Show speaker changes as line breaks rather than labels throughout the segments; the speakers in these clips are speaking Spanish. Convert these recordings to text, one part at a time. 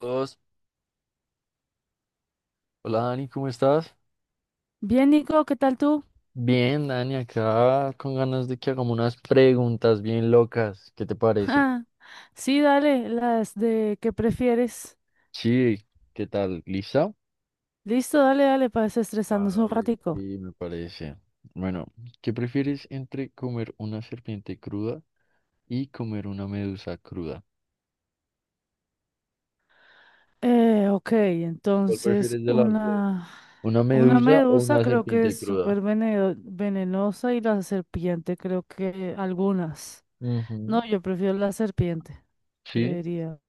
Dos. Hola Dani, ¿cómo estás?
Bien, Nico, ¿qué tal tú?
Bien, Dani, acá con ganas de que hagamos unas preguntas bien locas. ¿Qué te parece?
Ah, sí, dale, las de que prefieres.
Sí, ¿qué tal? ¿Lista?
Listo, dale, dale, para desestresarnos un
Vale.
ratico.
Sí, me parece. Bueno, ¿qué prefieres entre comer una serpiente cruda y comer una medusa cruda?
Ok,
¿Cuál
entonces
prefieres de las dos?
una,
¿Una
una
medusa o
medusa
una
creo que
serpiente
es
cruda?
súper venenosa y la serpiente creo que algunas.
Ujú,
No, yo prefiero la serpiente,
sí,
creería.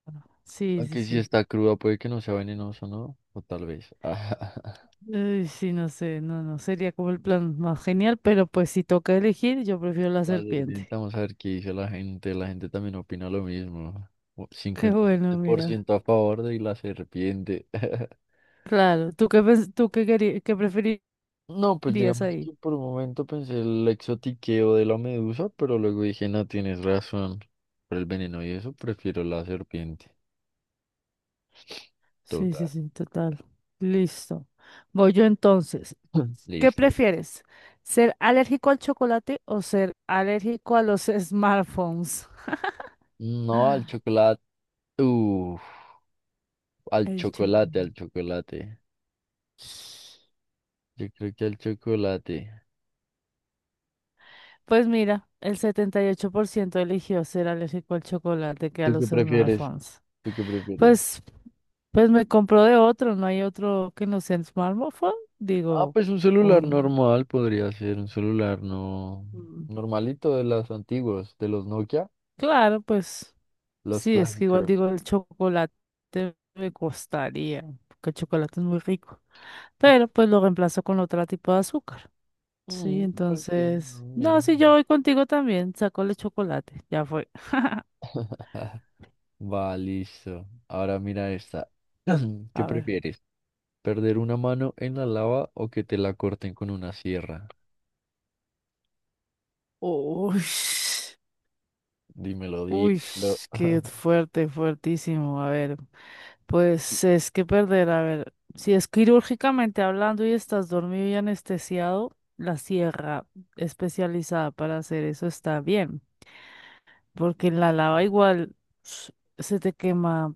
Sí, sí,
aunque si
sí.
está cruda puede que no sea venenoso, ¿no? O tal vez.
Ay, sí, no sé, no, no, sería como el plan más genial, pero pues si toca elegir, yo prefiero la
La
serpiente.
sirvienta, vamos a ver qué dice la gente. La gente también opina lo mismo.
Qué
Cincuenta y
bueno,
siete por
mira.
ciento a favor de la serpiente.
Claro, ¿tú qué, qué preferirías
No, pues digamos
ahí?
que por un momento pensé el exotiqueo de la medusa, pero luego dije, no, tienes razón. Por el veneno y eso, prefiero la serpiente.
Sí, sí,
Total.
sí, total. Listo. Voy yo entonces. ¿Qué
Listo.
prefieres? ¿Ser alérgico al chocolate o ser alérgico a los smartphones?
No, al chocolate. Uf, al
El
chocolate, al
chocolate.
chocolate. Yo creo que al chocolate.
Pues mira, el 78% eligió ser alérgico al chocolate que a
¿Tú qué
los
prefieres?
smartphones.
¿Tú qué prefieres?
Pues, pues me compró de otro, no hay otro que no sea smartphone.
Ah,
Digo,
pues un celular
un...
normal podría ser, un celular no
mm,
normalito de las antiguas, de los Nokia,
claro, pues.
los
Sí, es que igual
clásicos.
digo, el chocolate me costaría, porque el chocolate es muy rico, pero pues lo reemplazo con otro tipo de azúcar. Sí,
Mm, pues sí, no,
entonces, no, si yo
bien.
voy contigo también, saco el chocolate, ya fue.
Va, listo. Ahora mira esta. ¿Qué
A ver.
prefieres? ¿Perder una mano en la lava o que te la corten con una sierra?
Uy,
Dímelo,
uy,
dímelo.
qué fuerte, fuertísimo. A ver, pues es que perder, a ver, si es quirúrgicamente hablando y estás dormido y anestesiado, la sierra especializada para hacer eso está bien. Porque en la lava igual s- se te quema,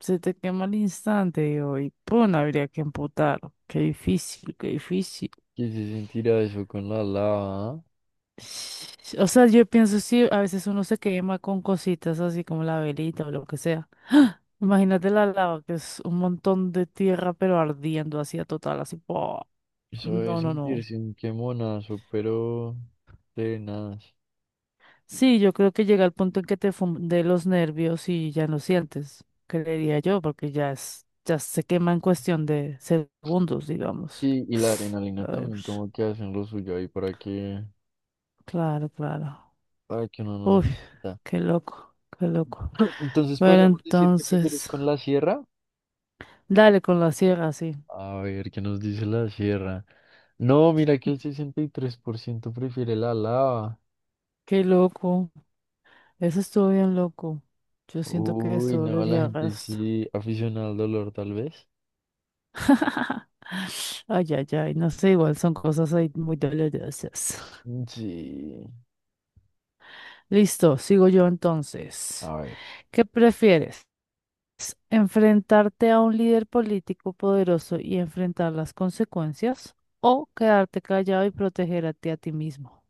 se te quema al instante, digo, y pum, habría que amputar. Qué difícil, qué difícil.
¿Qué se sentirá eso con la lava? ¿Ah?
O sea, yo pienso, sí, a veces uno se quema con cositas así como la velita o lo que sea. Imagínate la lava, que es un montón de tierra, pero ardiendo así a total, así. ¡Pua!
Eso es
No, no, no.
sentirse un quemonazo, pero tenaz.
Sí, yo creo que llega el punto en que te funde los nervios y ya no sientes, creería yo, porque ya se quema en cuestión de segundos, digamos.
Sí, y la adrenalina
Ay,
también
ush,
como que hacen lo suyo ahí
claro, claro.
para que uno no
Uy,
sienta.
qué loco, qué loco.
Entonces
Bueno,
podríamos decir que prefieres
entonces,
con la sierra.
dale con la sierra, sí.
A ver, ¿qué nos dice la sierra? No, mira que el 63% prefiere la lava.
Qué loco. Eso estuvo bien loco. Yo siento que
Uy,
eso
no, la
dolería
gente
gasto.
sí, aficionada al dolor tal vez.
Ay, ay, ay, no sé, igual son cosas ahí muy dolorosas.
Mm, sí,
Listo, sigo yo entonces.
a ver.
¿Qué prefieres? ¿Enfrentarte a un líder político poderoso y enfrentar las consecuencias? ¿O quedarte callado y protegerte a ti mismo?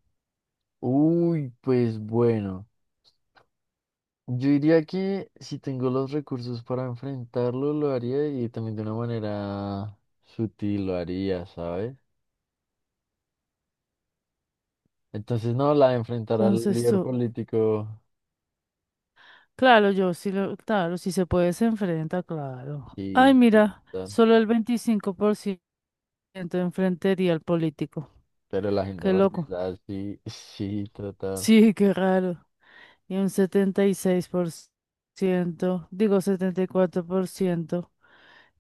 Uy, pues bueno. Yo diría que si tengo los recursos para enfrentarlo, lo haría y también de una manera sutil lo haría, ¿sabes? Entonces, no, la de enfrentar al
Entonces
líder
tú,
político,
claro, claro, si se puede se enfrenta, claro. Ay,
sí, sí,
mira,
tal.
solo el 25% enfrentaría al político.
Pero la gente
Qué
porque
loco.
es así, sí, trata.
Sí, qué raro. Y un 74%.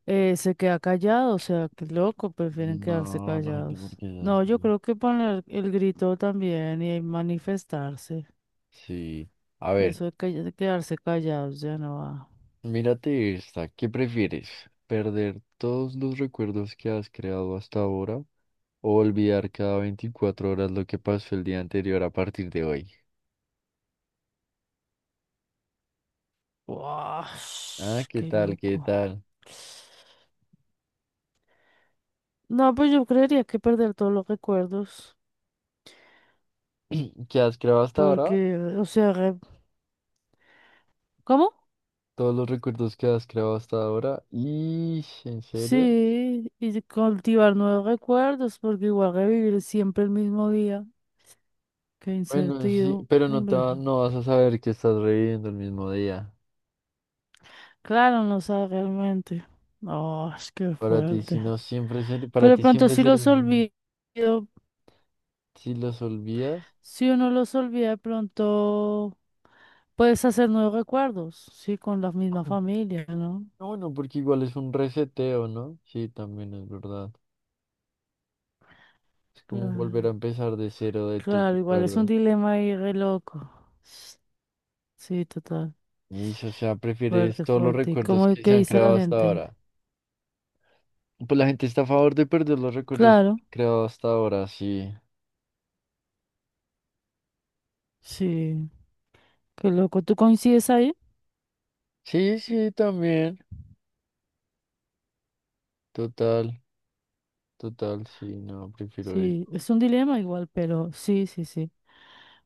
Se queda callado, o sea, qué loco, prefieren quedarse
No, la gente
callados.
porque es
No, yo
así.
creo que poner el grito también y manifestarse.
Sí. A ver,
Eso de quedarse callados ya no va.
mírate esta. ¿Qué prefieres? ¿Perder todos los recuerdos que has creado hasta ahora o olvidar cada 24 horas lo que pasó el día anterior a partir de hoy? Ah,
Uash,
¿qué
qué
tal? ¿Qué
loco.
tal?
No, pues yo creería que perder todos los recuerdos,
¿Qué has creado hasta ahora?
porque, o sea, ¿cómo?
Todos los recuerdos que has creado hasta ahora. ¿Y en serio?
Sí, y de cultivar nuevos recuerdos, porque igual revivir siempre el mismo día. Qué
Bueno, sí, pero
incertidumbre.
no vas a saber que estás reviviendo el mismo día.
Claro, no sabe realmente. Oh, es que
Para ti, si
fuerte.
no siempre ser-
Pero
para
de
ti
pronto
siempre será un- lujo. Si los olvidas.
si uno los olvida, de pronto puedes hacer nuevos recuerdos, sí, con la misma familia, ¿no?
No, bueno, porque igual es un reseteo, ¿no? Sí, también es verdad. Es como volver a
Claro,
empezar de cero de tus
claro, igual es un
recuerdos.
dilema ahí re loco. S- Sí, total.
Y, o sea, prefieres
Fuerte,
todos los
fuerte. ¿Y cómo
recuerdos
es
que
que
se han
dice la
creado hasta
gente?
ahora. Pues la gente está a favor de perder los recuerdos
Claro,
creados hasta ahora, sí.
sí. Qué loco. ¿Tú coincides ahí?
Sí, sí, también. Total, total, sí, no, prefiero ir.
Sí, es un dilema igual, pero sí, sí, sí.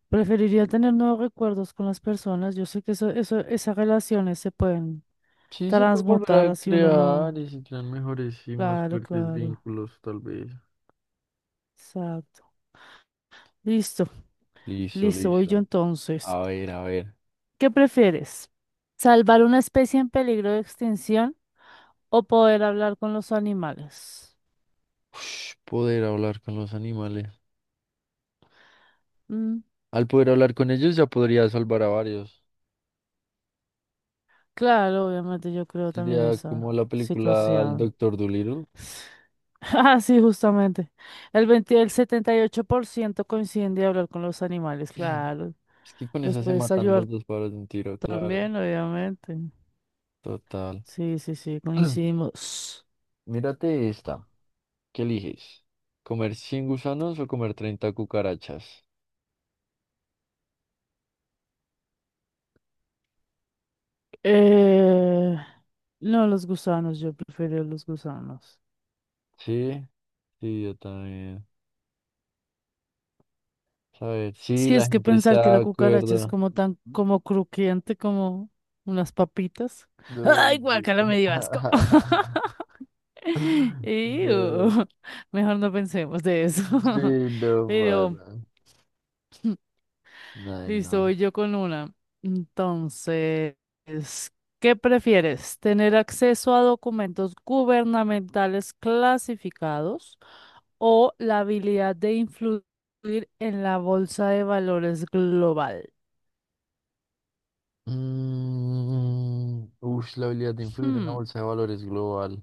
Preferiría tener nuevos recuerdos con las personas. Yo sé que esas relaciones se pueden
Sí, se puede volver
transmutar
a
así uno
crear
no.
y se crean mejores y más
Claro,
fuertes
claro.
vínculos, tal vez.
Exacto. Listo,
Listo,
listo, voy yo
listo.
entonces.
A ver, a ver.
¿Qué prefieres? ¿Salvar una especie en peligro de extinción o poder hablar con los animales?
Ush, poder hablar con los animales.
Mm,
Al poder hablar con ellos ya podría salvar a varios.
claro, obviamente yo creo también
Sería como
esa
la película El
situación.
Doctor Dolittle.
Ah, sí, justamente. El 78% coincide en hablar con los animales, claro.
Es que con
Los
esa se
puedes
matan los
ayudar
dos pájaros de un tiro, claro.
también, obviamente.
Total.
Sí, sí, sí, coincidimos.
Mírate esta. ¿Qué eliges? ¿Comer 100 gusanos o comer 30 cucarachas?
Eh, no, los gusanos, yo prefiero los gusanos.
Sí, sí, yo también. A ver, sí,
Sí,
la
es que
gente
pensar que
está
la
de
cucaracha es
acuerdo.
como tan, como crujiente, como unas papitas.
No,
Ay,
sí.
guacala, me dio asco. Iu,
No.
mejor no pensemos de eso.
Sí, no,
Pero.
para. Ay,
Listo,
no.
voy yo con una. Entonces, ¿qué prefieres? ¿Tener acceso a documentos gubernamentales clasificados o la habilidad de influir en la bolsa de valores global?
Mm, ush, la habilidad de influir en una
Hmm,
bolsa de valores global.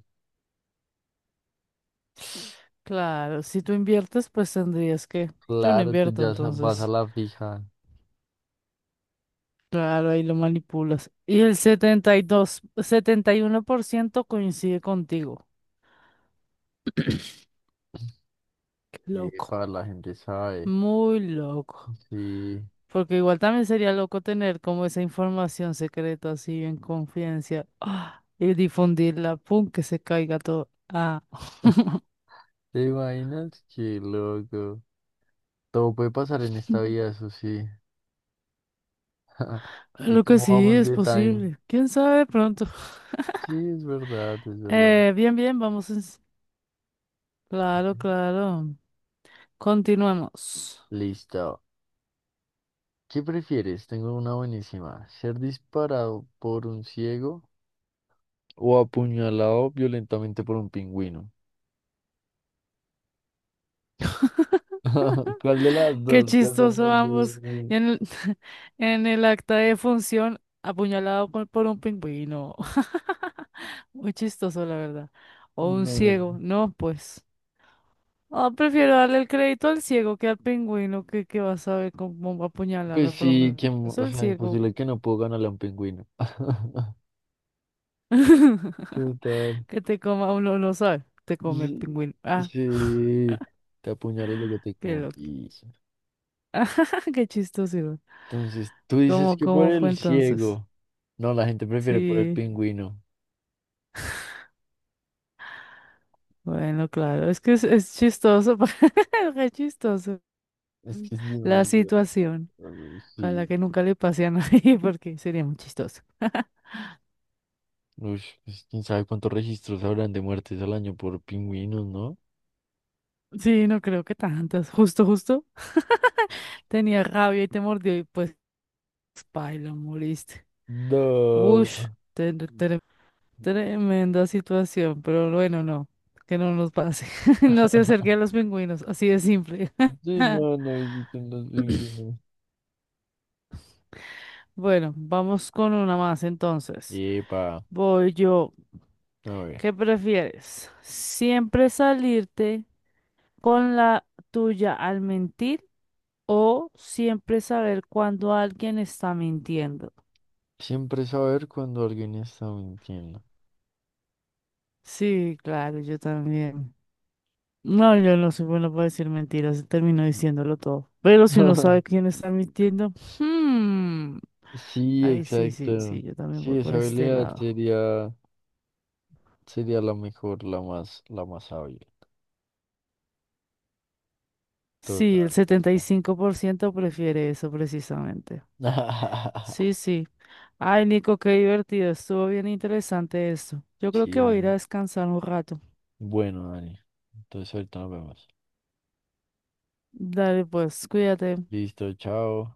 claro, si tú inviertes, pues tendrías que... Yo no
Claro,
invierto,
vas a
entonces.
la fija.
Claro, ahí lo manipulas. Y el 71% coincide contigo. Qué loco.
Para la gente sabe.
Muy loco.
Sí.
Porque igual también sería loco tener como esa información secreta así en confidencia ¡ah! Y difundirla, pum, que se caiga todo. Ah,
¿Te imaginas? Qué loco. Todo puede pasar en esta vida, eso sí. ¿Y
lo que
cómo
sí
vamos
es
de time?
posible. ¿Quién sabe pronto?
Sí, es verdad, es verdad.
Bien, bien, vamos. Claro, claro. Continuamos.
Listo. ¿Qué prefieres? Tengo una buenísima. ¿Ser disparado por un ciego o apuñalado violentamente por un pingüino? ¿Cuál de las
Qué
dos? ¿Cuál de
chistoso
las dos?
ambos. Y en el, en el acta de función, apuñalado por un pingüino. Muy chistoso, la verdad. O un
No, no,
ciego.
no.
No, pues. Ah, prefiero darle el crédito al ciego que al pingüino que va a saber cómo
Pues
apuñalarme, por lo
sí, que,
menos
o
el
sea,
ciego.
imposible que no puedo ganarle a un pingüino. Total.
Que te coma, uno no sabe, te come el
Sí,
pingüino. Ah,
sí, te apuñalo y luego te
qué
como.
loco. Qué chistoso.
Entonces, tú dices
¿Cómo,
que por
cómo fue
el
entonces?
ciego. No, la gente prefiere por el
Sí,
pingüino.
bueno, claro, es que es chistoso, qué chistoso
Es que es
la
demasiado
situación.
raro. Sí.
Ojalá que nunca le pase a nadie porque sería muy chistoso.
Uy, pues, quién sabe cuántos registros habrán de muertes al año por pingüinos, ¿no?
Sí, no creo que tantas. Justo, justo tenía rabia y te mordió y pues. Pailo, moriste. Ush,
No.
tremenda situación, pero bueno, no, que no nos pase. No se acerque a los pingüinos, así de simple.
Sí, no, no visiten los pingüinos.
Bueno, vamos con una más entonces.
Epa,
Voy yo.
a ver.
¿Qué prefieres? ¿Siempre salirte con la tuya al mentir o siempre saber cuando alguien está mintiendo?
Siempre saber cuando alguien está mintiendo.
Sí, claro, yo también. No, yo no soy bueno para decir mentiras, termino diciéndolo todo. Pero si uno sabe quién está mintiendo, hmm,
Sí,
ahí sí, sí,
exacto.
sí, yo también
Sí,
voy
esa
por este
habilidad
lado.
sería, sería la mejor, la más hábil.
Sí,
Total,
el setenta y
total.
cinco por ciento prefiere eso precisamente. Sí, sí. Ay, Nico, qué divertido, estuvo bien interesante esto. Yo creo
Sí,
que voy a ir a
Dani.
descansar un rato.
Bueno, Dani. Entonces ahorita nos vemos.
Dale, pues, cuídate.
Listo, chao.